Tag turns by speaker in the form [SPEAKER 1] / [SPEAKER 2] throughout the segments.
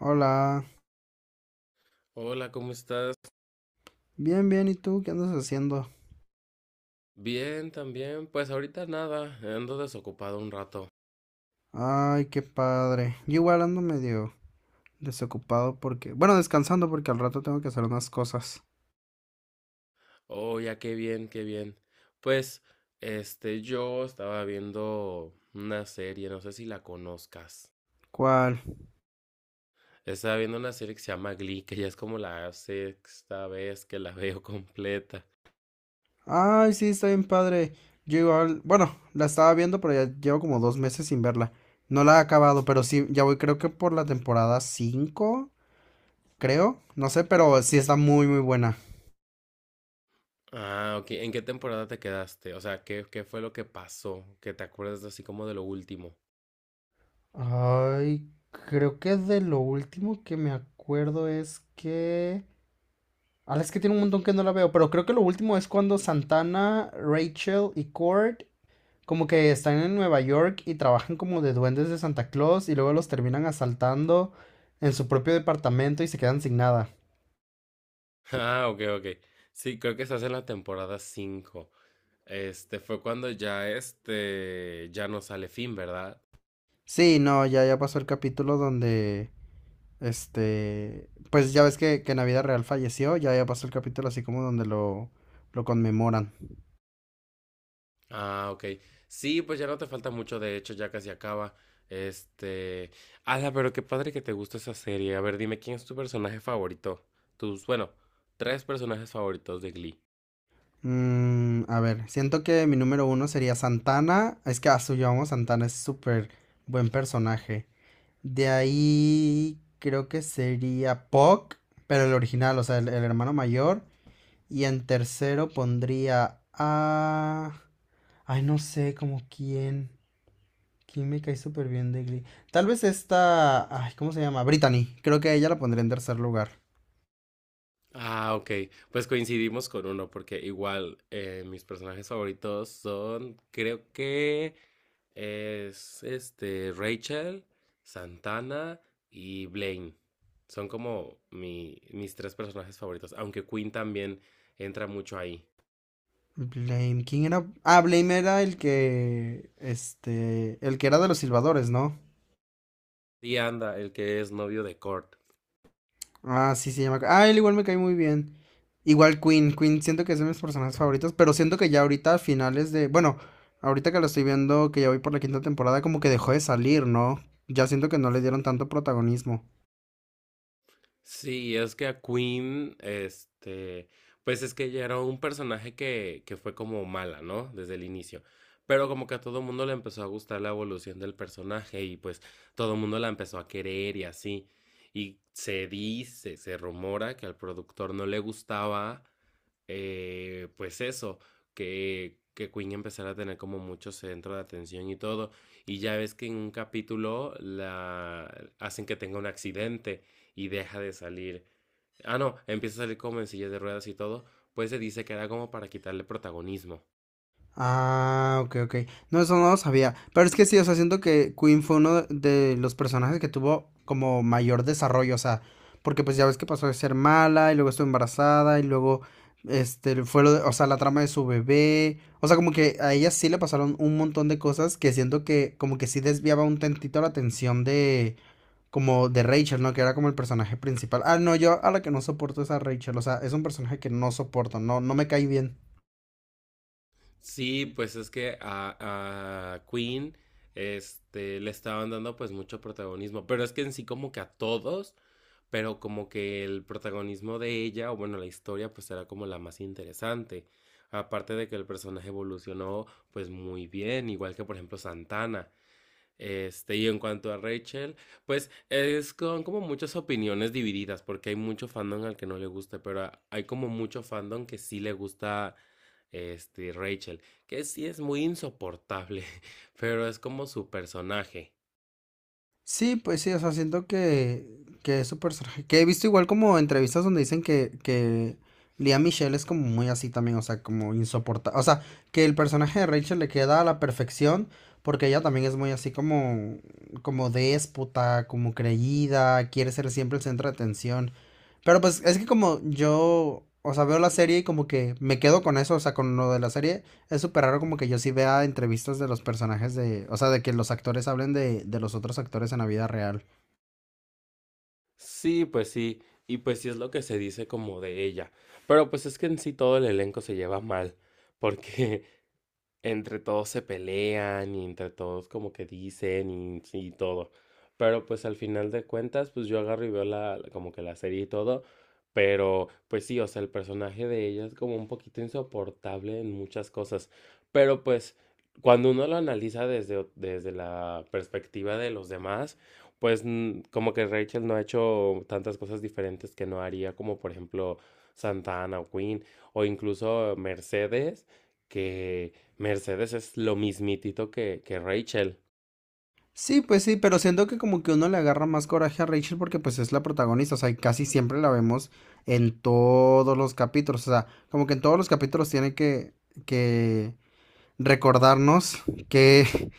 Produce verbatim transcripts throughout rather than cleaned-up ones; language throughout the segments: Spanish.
[SPEAKER 1] Hola,
[SPEAKER 2] Hola, ¿cómo estás?
[SPEAKER 1] bien, bien, ¿y tú qué andas haciendo?
[SPEAKER 2] Bien, también. Pues ahorita nada, ando desocupado un rato.
[SPEAKER 1] Ay, qué padre. Yo igual ando medio desocupado porque, bueno, descansando porque al rato tengo que hacer unas cosas.
[SPEAKER 2] Oh, ya qué bien, qué bien. Pues, este, yo estaba viendo una serie, no sé si la conozcas.
[SPEAKER 1] ¿Cuál?
[SPEAKER 2] Estaba viendo una serie que se llama Glee, que ya es como la sexta vez que la veo completa.
[SPEAKER 1] Ay, sí, está bien padre. Yo igual, bueno, la estaba viendo, pero ya llevo como dos meses sin verla. No la he acabado, pero sí, ya voy, creo que por la temporada cinco, creo, no sé, pero sí está muy, muy buena.
[SPEAKER 2] Ah, ok. ¿En qué temporada te quedaste? O sea, ¿qué, qué fue lo que pasó? Que te acuerdas así como de lo último.
[SPEAKER 1] Ay, creo que de lo último que me acuerdo es que... Ah, es que tiene un montón que no la veo, pero creo que lo último es cuando Santana, Rachel y Cord como que están en Nueva York y trabajan como de duendes de Santa Claus y luego los terminan asaltando en su propio departamento y se quedan sin nada.
[SPEAKER 2] Ah, ok, ok. Sí, creo que estás en la temporada cinco. Este fue cuando ya este ya no sale Finn, ¿verdad?
[SPEAKER 1] Sí, no, ya, ya pasó el capítulo donde, este, pues ya ves que, que Navidad Real falleció, ya, ya pasó el capítulo así como donde lo, lo conmemoran.
[SPEAKER 2] Ah, ok. Sí, pues ya no te falta mucho, de hecho, ya casi acaba. Este, Ala, pero qué padre que te gusta esa serie. A ver, dime quién es tu personaje favorito. Tus, bueno, tres personajes favoritos de Glee.
[SPEAKER 1] Mm, a ver, siento que mi número uno sería Santana, es que a su Santana es súper buen personaje. De ahí creo que sería Puck, pero el original, o sea, el, el hermano mayor. Y en tercero pondría a... Ay, no sé, como quién. ¿Quién me cae súper bien de Glee? Tal vez esta... Ay, ¿cómo se llama? Brittany. Creo que a ella la pondría en tercer lugar.
[SPEAKER 2] Ah, ok. Pues coincidimos con uno, porque igual eh, mis personajes favoritos son, creo que es este Rachel, Santana y Blaine. Son como mi- mis tres personajes favoritos, aunque Quinn también entra mucho ahí.
[SPEAKER 1] Blame. ¿Quién era? Ah, Blame era el que... Este... El que era de los silbadores, ¿no?
[SPEAKER 2] Y anda, el que es novio de Kurt.
[SPEAKER 1] Ah, sí, se llama. Ah, él igual me cae muy bien. Igual Queen. Queen siento que es de mis personajes favoritos, pero siento que ya ahorita a finales de... Bueno, ahorita que lo estoy viendo, que ya voy por la quinta temporada, como que dejó de salir, ¿no? Ya siento que no le dieron tanto protagonismo.
[SPEAKER 2] Sí, es que a Queen, este, pues es que ella era un personaje que, que fue como mala, ¿no? Desde el inicio. Pero como que a todo mundo le empezó a gustar la evolución del personaje y pues todo el mundo la empezó a querer y así. Y se dice, se rumora que al productor no le gustaba, eh, pues eso, que, que Queen empezara a tener como mucho centro de atención y todo. Y ya ves que en un capítulo la hacen que tenga un accidente y deja de salir. Ah, no, empieza a salir como en silla de ruedas y todo. Pues se dice que era como para quitarle protagonismo.
[SPEAKER 1] Ah, ok, ok. No, eso no lo sabía. Pero es que sí, o sea, siento que Queen fue uno de los personajes que tuvo como mayor desarrollo, o sea, porque pues ya ves que pasó de ser mala y luego estuvo embarazada y luego, este, fue lo de- o sea, la trama de su bebé. O sea, como que a ella sí le pasaron un montón de cosas que siento que como que sí desviaba un tantito la atención de, como de Rachel, ¿no? Que era como el personaje principal. Ah, no, yo a la que no soporto es a Rachel, o sea, es un personaje que no soporto, no, no me cae bien.
[SPEAKER 2] Sí, pues es que a, a Queen este, le estaban dando pues mucho protagonismo, pero es que en sí como que a todos, pero como que el protagonismo de ella, o bueno, la historia pues era como la más interesante. Aparte de que el personaje evolucionó pues muy bien, igual que por ejemplo Santana. Este, y en cuanto a Rachel, pues es con como muchas opiniones divididas, porque hay mucho fandom al que no le gusta, pero a- hay como mucho fandom que sí le gusta este Rachel, que sí es muy insoportable, pero es como su personaje.
[SPEAKER 1] Sí, pues sí, o sea, siento que, que es su personaje. Que he visto igual como entrevistas donde dicen que, que Lea Michelle es como muy así también, o sea, como insoportable. O sea, que el personaje de Rachel le queda a la perfección porque ella también es muy así como, como déspota, como creída, quiere ser siempre el centro de atención. Pero pues es que como yo, o sea, veo la serie y como que me quedo con eso, o sea, con lo de la serie, es súper raro como que yo sí vea entrevistas de los personajes de, o sea, de que los actores hablen de, de los otros actores en la vida real.
[SPEAKER 2] Sí, pues sí, y pues sí es lo que se dice como de ella. Pero pues es que en sí todo el elenco se lleva mal, porque entre todos se pelean y entre todos como que dicen y, y todo. Pero pues al final de cuentas, pues yo agarro y veo la, como que la serie y todo. Pero pues sí, o sea, el personaje de ella es como un poquito insoportable en muchas cosas. Pero pues cuando uno lo analiza desde, ot- desde la perspectiva de los demás, pues mm, como que Rachel no ha hecho tantas cosas diferentes que no haría, como por ejemplo Santana o Queen, o incluso Mercedes, que Mercedes es lo mismitito que, que Rachel.
[SPEAKER 1] Sí, pues sí, pero siento que como que uno le agarra más coraje a Rachel porque pues es la protagonista, o sea, y casi siempre la vemos en todos los capítulos, o sea, como que en todos los capítulos tiene que, que recordarnos que,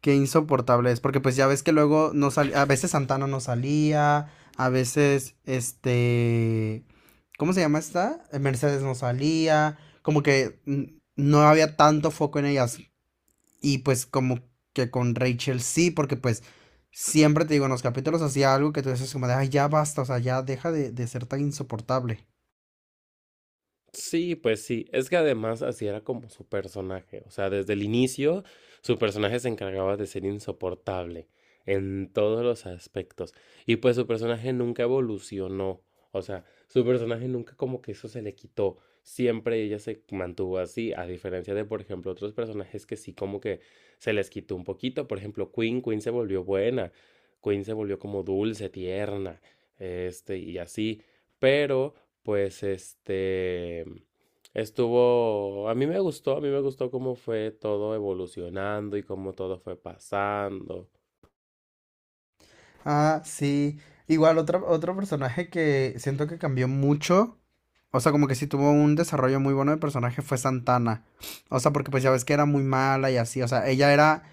[SPEAKER 1] qué insoportable es, porque pues ya ves que luego no salía, a veces Santana no salía, a veces este, ¿cómo se llama esta? Eh, Mercedes no salía, como que mm, no había tanto foco en ellas y pues como que con Rachel sí, porque pues siempre te digo, en los capítulos hacía algo que tú dices como de, ay, ya basta, o sea, ya deja de, de ser tan insoportable.
[SPEAKER 2] Sí, pues sí, es que además así era como su personaje, o sea, desde el inicio su personaje se encargaba de ser insoportable en todos los aspectos y pues su personaje nunca evolucionó, o sea, su personaje nunca como que eso se le quitó, siempre ella se mantuvo así, a diferencia de por ejemplo otros personajes que sí como que se les quitó un poquito, por ejemplo Queen, Queen se volvió buena, Queen se volvió como dulce, tierna, este y así, pero pues este estuvo, a mí me gustó, a mí me gustó cómo fue todo evolucionando y cómo todo fue pasando.
[SPEAKER 1] Ah, sí. Igual otro, otro personaje que siento que cambió mucho. O sea, como que sí tuvo un desarrollo muy bueno de personaje fue Santana. O sea, porque pues ya ves que era muy mala y así. O sea, ella era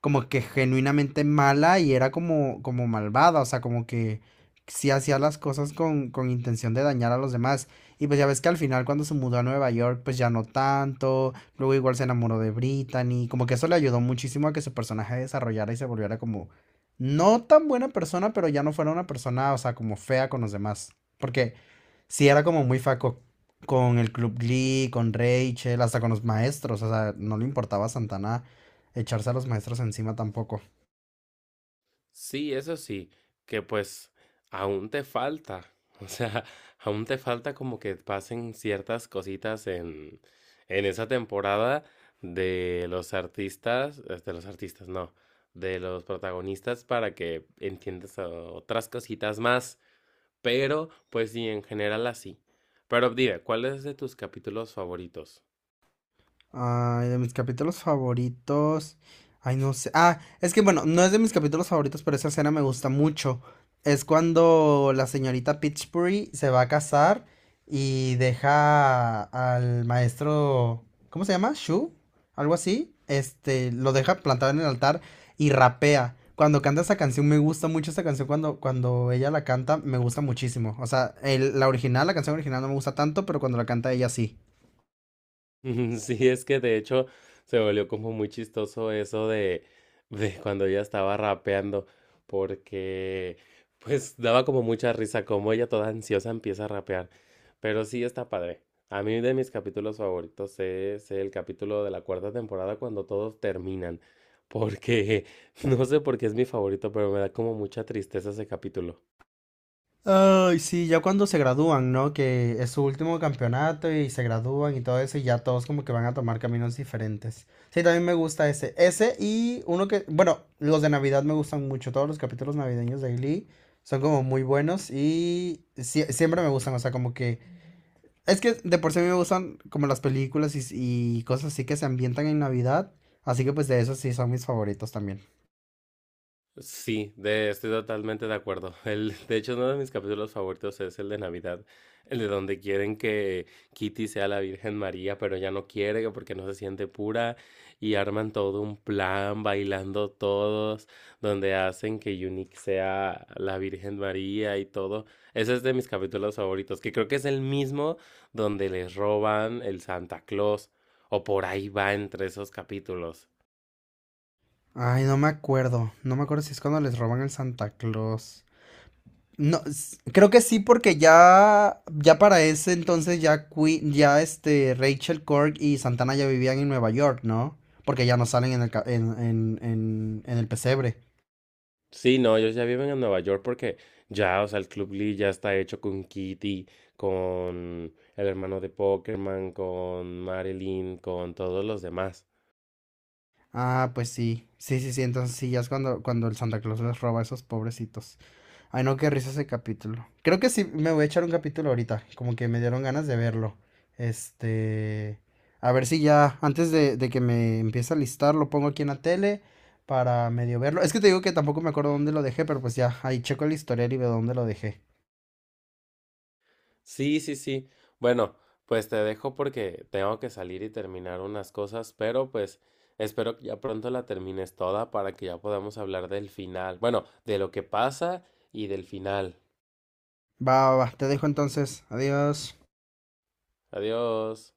[SPEAKER 1] como que genuinamente mala y era como, como malvada, o sea, como que sí hacía las cosas con, con intención de dañar a los demás. Y pues ya ves que al final cuando se mudó a Nueva York, pues ya no tanto, luego igual se enamoró de Brittany, como que eso le ayudó muchísimo a que su personaje desarrollara y se volviera como no tan buena persona, pero ya no fuera una persona, o sea, como fea con los demás. Porque sí era como muy faco con el Club Glee, con Rachel, hasta con los maestros, o sea, no le importaba a Santana echarse a los maestros encima tampoco.
[SPEAKER 2] Sí, eso sí, que pues aún te falta, o sea, aún te falta como que pasen ciertas cositas en, en, esa temporada de los artistas, eh, de los artistas, no, de los protagonistas para que entiendas eh, otras cositas más. Pero, pues sí, en general así. Pero dime, ¿cuál es de tus capítulos favoritos?
[SPEAKER 1] Ay, de mis capítulos favoritos. Ay, no sé. Ah, es que bueno, no es de mis capítulos favoritos, pero esa escena me gusta mucho. Es cuando la señorita Pitchbury se va a casar y deja al maestro. ¿Cómo se llama? ¿Shu? Algo así. Este, lo deja plantado en el altar y rapea. Cuando canta esa canción, me gusta mucho esa canción. Cuando, cuando ella la canta, me gusta muchísimo. O sea, el- la original, la canción original no me gusta tanto, pero cuando la canta ella sí.
[SPEAKER 2] Sí, es que de hecho se volvió como muy chistoso eso de, de cuando ella estaba rapeando, porque pues daba como mucha risa, como ella toda ansiosa empieza a rapear. Pero sí está padre. A mí de mis capítulos favoritos es el capítulo de la cuarta temporada cuando todos terminan, porque no sé por qué es mi favorito, pero me da como mucha tristeza ese capítulo.
[SPEAKER 1] Ay, sí, ya cuando se gradúan, ¿no? Que es su último campeonato y se gradúan y todo eso, y ya todos como que van a tomar caminos diferentes. Sí, también me gusta ese. Ese y uno que, bueno, los de Navidad me gustan mucho, todos los capítulos navideños de Glee son como muy buenos y sie- siempre me gustan, o sea, como que... Es que de por sí a mí me gustan como las películas y, y cosas así que se ambientan en Navidad, así que pues de esos sí son mis favoritos también.
[SPEAKER 2] Sí, de, estoy totalmente de acuerdo. El, de hecho, uno de mis capítulos favoritos es el de Navidad, el de donde quieren que Kitty sea la Virgen María, pero ella no quiere que porque no se siente pura y arman todo un plan bailando todos, donde hacen que Unique sea la Virgen María y todo. Ese es de mis capítulos favoritos, que creo que es el mismo donde les roban el Santa Claus, o por ahí va entre esos capítulos.
[SPEAKER 1] Ay, no me acuerdo, no me acuerdo si es cuando les roban el Santa Claus. No, s- creo que sí, porque ya, ya para ese entonces ya Queen, ya este Rachel Cork y Santana ya vivían en Nueva York, ¿no? Porque ya no salen en el, ca- en, en, en, en el pesebre.
[SPEAKER 2] Sí, no, ellos ya viven en Nueva York porque ya, o sea, el Club Lee ya está hecho con Kitty, con el hermano de Pokémon, con Marilyn, con todos los demás.
[SPEAKER 1] Ah, pues sí. Sí, sí, sí. Entonces sí, ya es cuando, cuando el Santa Claus les roba a esos pobrecitos. Ay, no, qué risa ese capítulo. Creo que sí, me voy a echar un capítulo ahorita, como que me dieron ganas de verlo. Este, a ver si ya, antes de, de que me empiece a listar, lo pongo aquí en la tele para medio verlo. Es que te digo que tampoco me acuerdo dónde lo dejé, pero pues ya, ahí checo el historial y veo dónde lo dejé.
[SPEAKER 2] Sí, sí, sí. Bueno, pues te dejo porque tengo que salir y terminar unas cosas, pero pues espero que ya pronto la termines toda para que ya podamos hablar del final. Bueno, de lo que pasa y del final.
[SPEAKER 1] Va, va, va, te dejo entonces. Adiós.
[SPEAKER 2] Adiós.